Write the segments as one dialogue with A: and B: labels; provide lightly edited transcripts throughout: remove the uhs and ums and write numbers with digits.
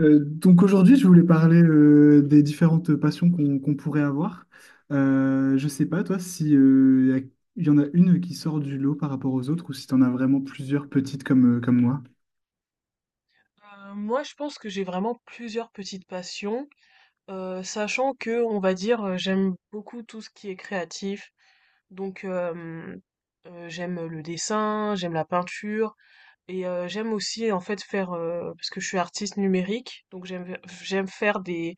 A: Donc aujourd'hui, je voulais parler des différentes passions qu'on pourrait avoir. Je sais pas, toi, si il y en a une qui sort du lot par rapport aux autres ou si tu en as vraiment plusieurs petites comme, comme moi.
B: Moi, je pense que j'ai vraiment plusieurs petites passions, sachant que, on va dire, j'aime beaucoup tout ce qui est créatif. Donc, euh, J'aime le dessin, j'aime la peinture, et j'aime aussi, en fait, faire, parce que je suis artiste numérique, donc j'aime faire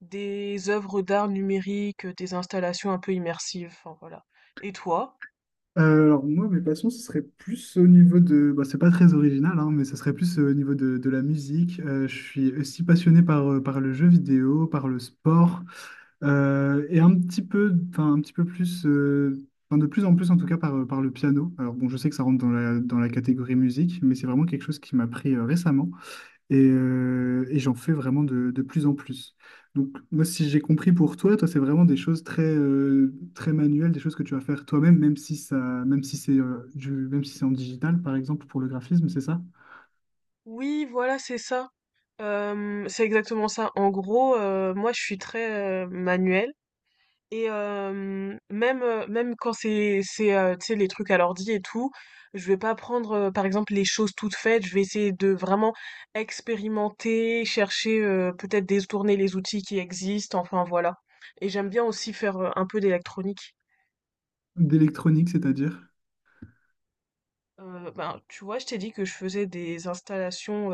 B: des œuvres d'art numérique, des installations un peu immersives, enfin voilà. Et toi?
A: Alors moi, mes passions, ce serait plus au niveau de... Bah, c'est pas très original, hein, mais ce serait plus au niveau de la musique. Je suis aussi passionné par, par le jeu vidéo, par le sport, et un petit peu, enfin, un petit peu plus, enfin, de plus en plus en tout cas par, par le piano. Alors bon, je sais que ça rentre dans dans la catégorie musique, mais c'est vraiment quelque chose qui m'a pris récemment. Et j'en fais vraiment de plus en plus. Donc, moi, si j'ai compris pour toi, c'est vraiment des choses très, très manuelles, des choses que tu vas faire toi-même, même si ça, même si c'est même si c'est en digital, par exemple, pour le graphisme, c'est ça?
B: Oui, voilà, c'est ça. C'est exactement ça. En gros, moi, je suis très manuelle. Et même, même quand c'est, tu sais, les trucs à l'ordi et tout, je vais pas prendre, par exemple, les choses toutes faites. Je vais essayer de vraiment expérimenter, chercher, peut-être détourner les outils qui existent, enfin voilà. Et j'aime bien aussi faire, un peu d'électronique.
A: D'électronique, c'est-à-dire.
B: Ben, tu vois, je t'ai dit que je faisais des installations,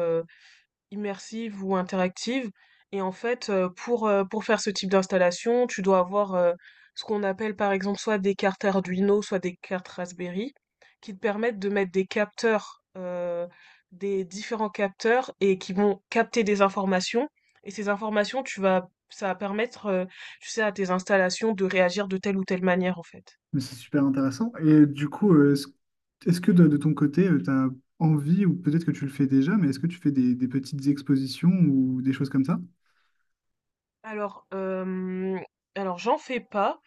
B: immersive ou interactive. Et en fait, pour faire ce type d'installation, tu dois avoir ce qu'on appelle par exemple soit des cartes Arduino, soit des cartes Raspberry, qui te permettent de mettre des capteurs, des différents capteurs, et qui vont capter des informations. Et ces informations, tu vas, ça va permettre, tu sais, à tes installations de réagir de telle ou telle manière, en fait.
A: Mais c'est super intéressant. Et du coup, est-ce que de ton côté, tu as envie, ou peut-être que tu le fais déjà, mais est-ce que tu fais des petites expositions ou des choses comme ça?
B: Alors, j'en fais pas,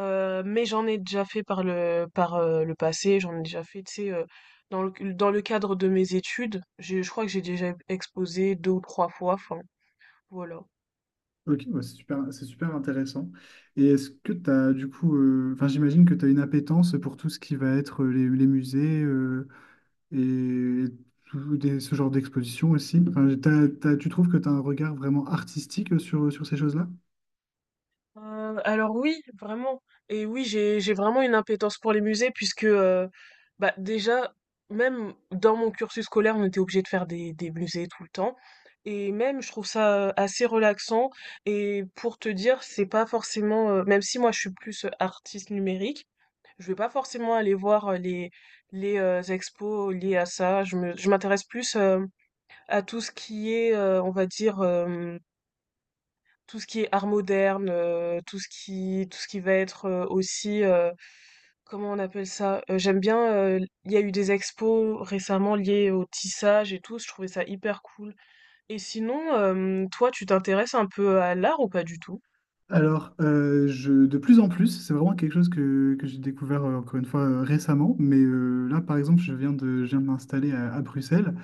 B: Mais j'en ai déjà fait par le passé, j'en ai déjà fait, tu sais, dans le cadre de mes études, j'ai je crois que j'ai déjà exposé 2 ou trois fois, enfin, voilà.
A: Ok, ouais, c'est super intéressant. Et est-ce que tu as du coup, enfin j'imagine que tu as une appétence pour tout ce qui va être les musées et, ce genre d'exposition aussi. Enfin, tu trouves que tu as un regard vraiment artistique sur, sur ces choses-là?
B: Alors oui, vraiment et oui, j'ai vraiment une impétence pour les musées puisque, bah, déjà, même dans mon cursus scolaire, on était obligé de faire des musées tout le temps et même je trouve ça, assez relaxant et pour te dire, c'est pas forcément, même si moi je suis plus, artiste numérique. Je vais pas forcément aller voir les, les expos liés à ça. Je m'intéresse plus à tout ce qui est, on va dire, tout ce qui est art moderne, tout ce qui va être aussi, comment on appelle ça? J'aime bien, il y a eu des expos récemment liées au tissage et tout, je trouvais ça hyper cool. Et sinon, toi, tu t'intéresses un peu à l'art ou pas du tout?
A: De plus en plus, c'est vraiment quelque chose que j'ai découvert encore une fois récemment, mais là par exemple, je viens de m'installer à Bruxelles.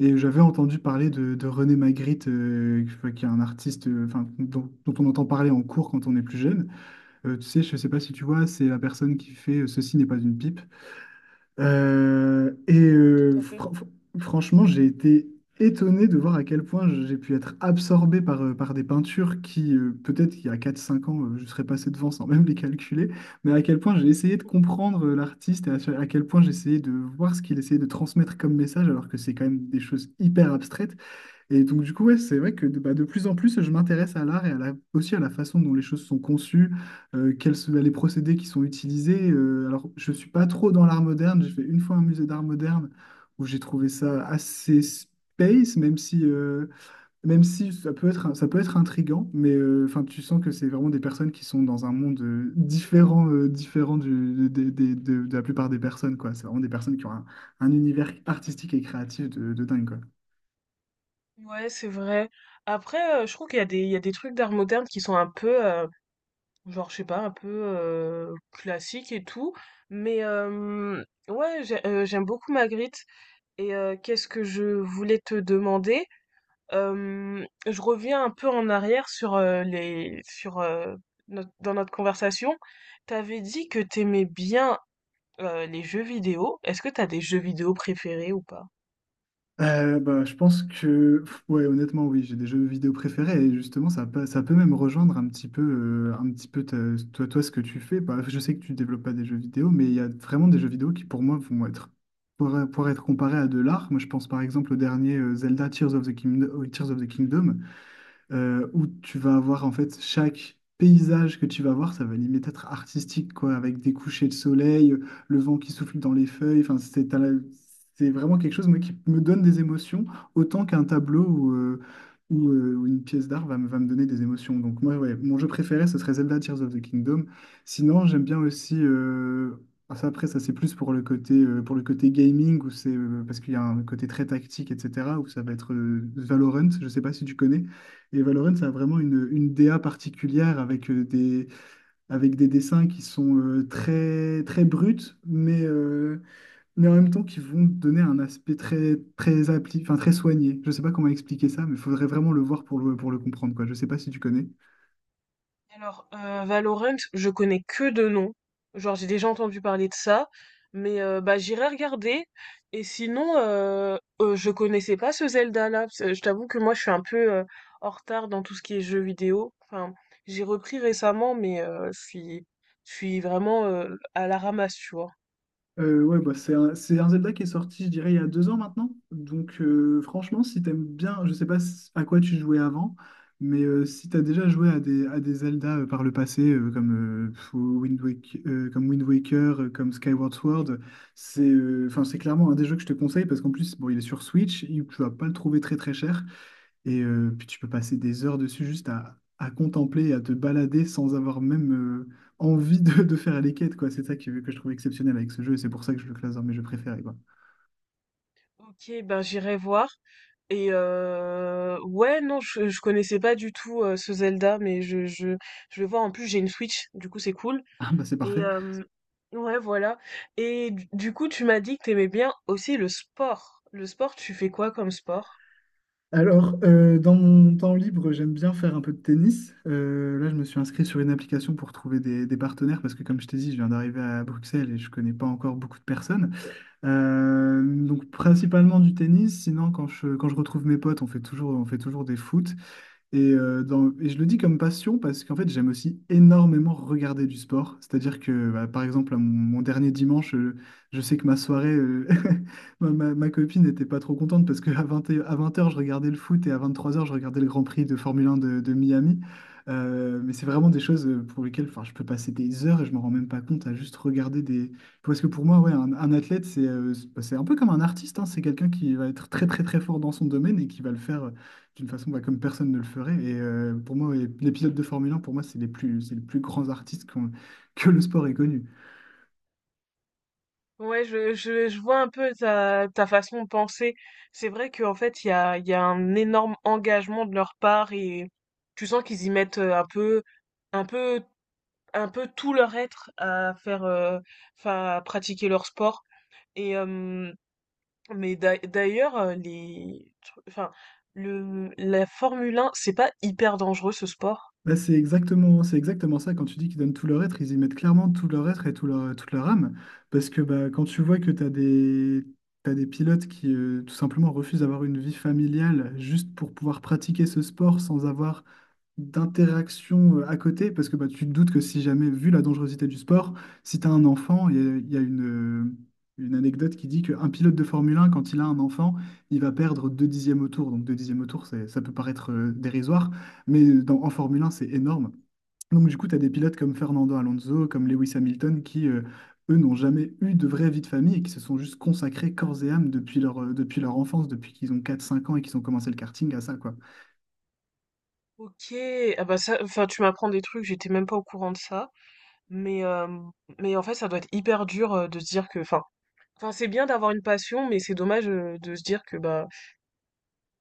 A: Et j'avais entendu parler de René Magritte, qui enfin, qui est un artiste enfin, dont on entend parler en cours quand on est plus jeune. Tu sais, je ne sais pas si tu vois, c'est la personne qui fait Ceci n'est pas une pipe. Euh, et
B: Oui, tout
A: euh,
B: à fait.
A: fr- fr- Franchement, j'ai été étonné de voir à quel point j'ai pu être absorbé par, par des peintures qui, peut-être qu'il y a quatre cinq ans, je serais passé devant sans même les calculer, mais à quel point j'ai essayé de comprendre l'artiste et à quel point j'ai essayé de voir ce qu'il essayait de transmettre comme message, alors que c'est quand même des choses hyper abstraites. Et donc, du coup, ouais, c'est vrai que de, bah, de plus en plus, je m'intéresse à l'art et aussi à la façon dont les choses sont conçues, quels sont les procédés qui sont utilisés. Je ne suis pas trop dans l'art moderne. J'ai fait une fois un musée d'art moderne où j'ai trouvé ça assez space, même si ça peut être, ça peut être intriguant, mais enfin, tu sens que c'est vraiment des personnes qui sont dans un monde différent, différent du, des- de la plupart des personnes, quoi. C'est vraiment des personnes qui ont un univers artistique et créatif de dingue, quoi.
B: Ouais, c'est vrai. Après, je trouve qu'il y a des, il y a des trucs d'art moderne qui sont un peu, genre, je sais pas, un peu classique et tout. Mais ouais, j'aime beaucoup Magritte. Et qu'est-ce que je voulais te demander? Je reviens un peu en arrière sur les sur dans notre conversation. T'avais dit que t'aimais bien les jeux vidéo. Est-ce que t'as des jeux vidéo préférés ou pas?
A: Je pense que, ouais, honnêtement, oui, j'ai des jeux vidéo préférés et justement, ça peut même rejoindre un petit peu toi, ce que tu fais. Bah, je sais que tu développes pas des jeux vidéo, mais il y a vraiment des jeux vidéo qui, pour moi, vont être, pour être comparés à de l'art. Moi, je pense par exemple au dernier Zelda Tears of the Kingdom, Tears of the Kingdom où tu vas avoir en fait chaque paysage que tu vas voir, ça va limite être artistique, quoi, avec des couchers de soleil, le vent qui souffle dans les feuilles. C'est vraiment quelque chose moi, qui me donne des émotions autant qu'un tableau ou, ou une pièce d'art me va me donner des émotions. Donc moi, ouais, mon jeu préféré, ce serait Zelda Tears of the Kingdom. Sinon, j'aime bien aussi. Ça c'est plus pour le côté gaming, où parce qu'il y a un côté très tactique, etc., où ça va être Valorant, je sais pas si tu connais. Et Valorant, ça a vraiment une DA particulière avec avec des dessins qui sont très, très bruts, mais, euh, mais en même temps qui vont donner un aspect très, très appli, enfin, très soigné. Je ne sais pas comment expliquer ça, mais il faudrait vraiment le voir pour pour le comprendre, quoi. Je ne sais pas si tu connais.
B: Alors, Valorant, je connais que de nom. Genre, j'ai déjà entendu parler de ça, mais bah j'irai regarder. Et sinon, je connaissais pas ce Zelda-là, parce que je t'avoue que moi, je suis un peu en retard dans tout ce qui est jeux vidéo. Enfin, j'ai repris récemment, mais je suis vraiment à la ramasse, tu vois.
A: Ouais, bah, c'est un Zelda qui est sorti, je dirais, il y a 2 ans maintenant. Donc, franchement, si t'aimes bien, je sais pas s- à quoi tu jouais avant, mais si t'as déjà joué à des Zelda par le passé, comme, comme Wind Waker, comme Skyward Sword, c'est enfin, c'est clairement un des jeux que je te conseille parce qu'en plus, bon, il est sur Switch, tu vas pas le trouver très très cher. Et puis tu peux passer des heures dessus juste à contempler, et à te balader sans avoir même envie de faire les quêtes, quoi. C'est ça que je trouve exceptionnel avec ce jeu et c'est pour ça que je le classe dans mes jeux préférés, quoi.
B: Ok, ben j'irai voir. Et ouais, non, je connaissais pas du tout ce Zelda, mais je vais voir. En plus, j'ai une Switch, du coup, c'est cool.
A: Ah bah c'est
B: Et
A: parfait.
B: ouais, voilà. Et du coup, tu m'as dit que t'aimais bien aussi le sport. Le sport, tu fais quoi comme sport?
A: Alors, dans mon temps libre, j'aime bien faire un peu de tennis. Là, je me suis inscrit sur une application pour trouver des partenaires parce que, comme je t'ai dit, je viens d'arriver à Bruxelles et je connais pas encore beaucoup de personnes. Donc, principalement du tennis. Sinon, quand je retrouve mes potes, on fait toujours des foot. Et, et je le dis comme passion parce qu'en fait, j'aime aussi énormément regarder du sport. C'est-à-dire que, bah, par exemple, mon dernier dimanche, je sais que ma soirée, ma copine n'était pas trop contente parce qu'à à 20 heures je regardais le foot et à 23 heures je regardais le Grand Prix de Formule 1 de Miami. Mais c'est vraiment des choses pour lesquelles enfin, je peux passer des heures et je m'en rends même pas compte à juste regarder des... Parce que pour moi, ouais, un athlète, c'est un peu comme un artiste, hein. C'est quelqu'un qui va être très très très fort dans son domaine et qui va le faire d'une façon bah, comme personne ne le ferait. Et pour moi, les pilotes de Formule 1, pour moi, c'est les plus grands artistes que le sport ait connu.
B: Ouais, je vois un peu ta, ta façon de penser. C'est vrai qu'en fait, il y a un énorme engagement de leur part et tu sens qu'ils y mettent un peu, un peu, un peu tout leur être à faire, enfin, à pratiquer leur sport. Et, mais d'ailleurs, les, enfin, la Formule 1, c'est pas hyper dangereux ce sport.
A: Bah, c'est exactement ça. Quand tu dis qu'ils donnent tout leur être, ils y mettent clairement tout leur être et tout leur, toute leur âme. Parce que bah, quand tu vois que t'as des pilotes qui tout simplement refusent d'avoir une vie familiale juste pour pouvoir pratiquer ce sport sans avoir d'interaction à côté, parce que bah, tu te doutes que si jamais, vu la dangerosité du sport, si tu as un enfant, il y a une anecdote qui dit qu'un pilote de Formule 1, quand il a un enfant, il va perdre 2 dixièmes au tour. Donc 2 dixièmes au tour, ça peut paraître dérisoire, mais dans, en Formule 1, c'est énorme. Donc du coup, tu as des pilotes comme Fernando Alonso, comme Lewis Hamilton, qui, eux, n'ont jamais eu de vraie vie de famille et qui se sont juste consacrés corps et âme depuis leur enfance, depuis qu'ils ont 4 5 ans et qu'ils ont commencé le karting à ça, quoi.
B: Ok, ah bah ça, enfin, tu m'apprends des trucs, j'étais même pas au courant de ça. Mais, euh, mais en fait, ça doit être hyper dur de se dire que, enfin, enfin, c'est bien d'avoir une passion, mais c'est dommage de se dire que bah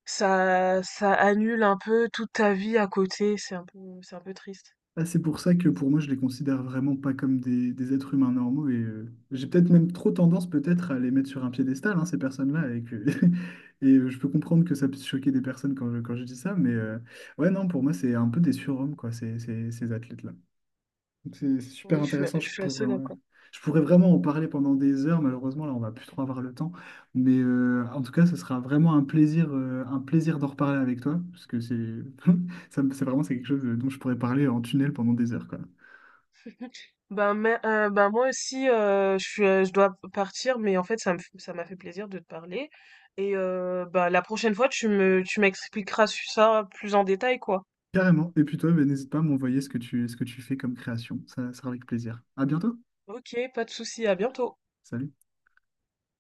B: ça, ça annule un peu toute ta vie à côté. C'est un peu triste.
A: Ah, c'est pour ça que pour moi, je les considère vraiment pas comme des êtres humains normaux et j'ai peut-être même trop tendance peut-être à les mettre sur un piédestal, hein, ces personnes-là, et que et je peux comprendre que ça puisse choquer des personnes quand je dis ça, mais ouais, non, pour moi, c'est un peu des surhommes, quoi, ces athlètes-là. Donc, c'est super
B: Oui,
A: intéressant. Je
B: je suis
A: pourrais,
B: assez
A: ouais.
B: d'accord.
A: Je pourrais vraiment en parler pendant des heures. Malheureusement, là, on va plus trop avoir le temps. Mais en tout cas, ce sera vraiment un plaisir d'en reparler avec toi, parce que c'est, c'est vraiment c'est quelque chose dont je pourrais parler en tunnel pendant des heures, quoi.
B: Ben, ben moi aussi, je suis, je dois partir, mais en fait, ça m'a fait plaisir de te parler. Et ben, la prochaine fois, tu m'expliqueras ça plus en détail, quoi.
A: Carrément. Et puis toi, ben, n'hésite pas à m'envoyer ce que tu fais comme création. Ça ça sera avec plaisir. À bientôt.
B: Ok, pas de souci, à bientôt.
A: Salut.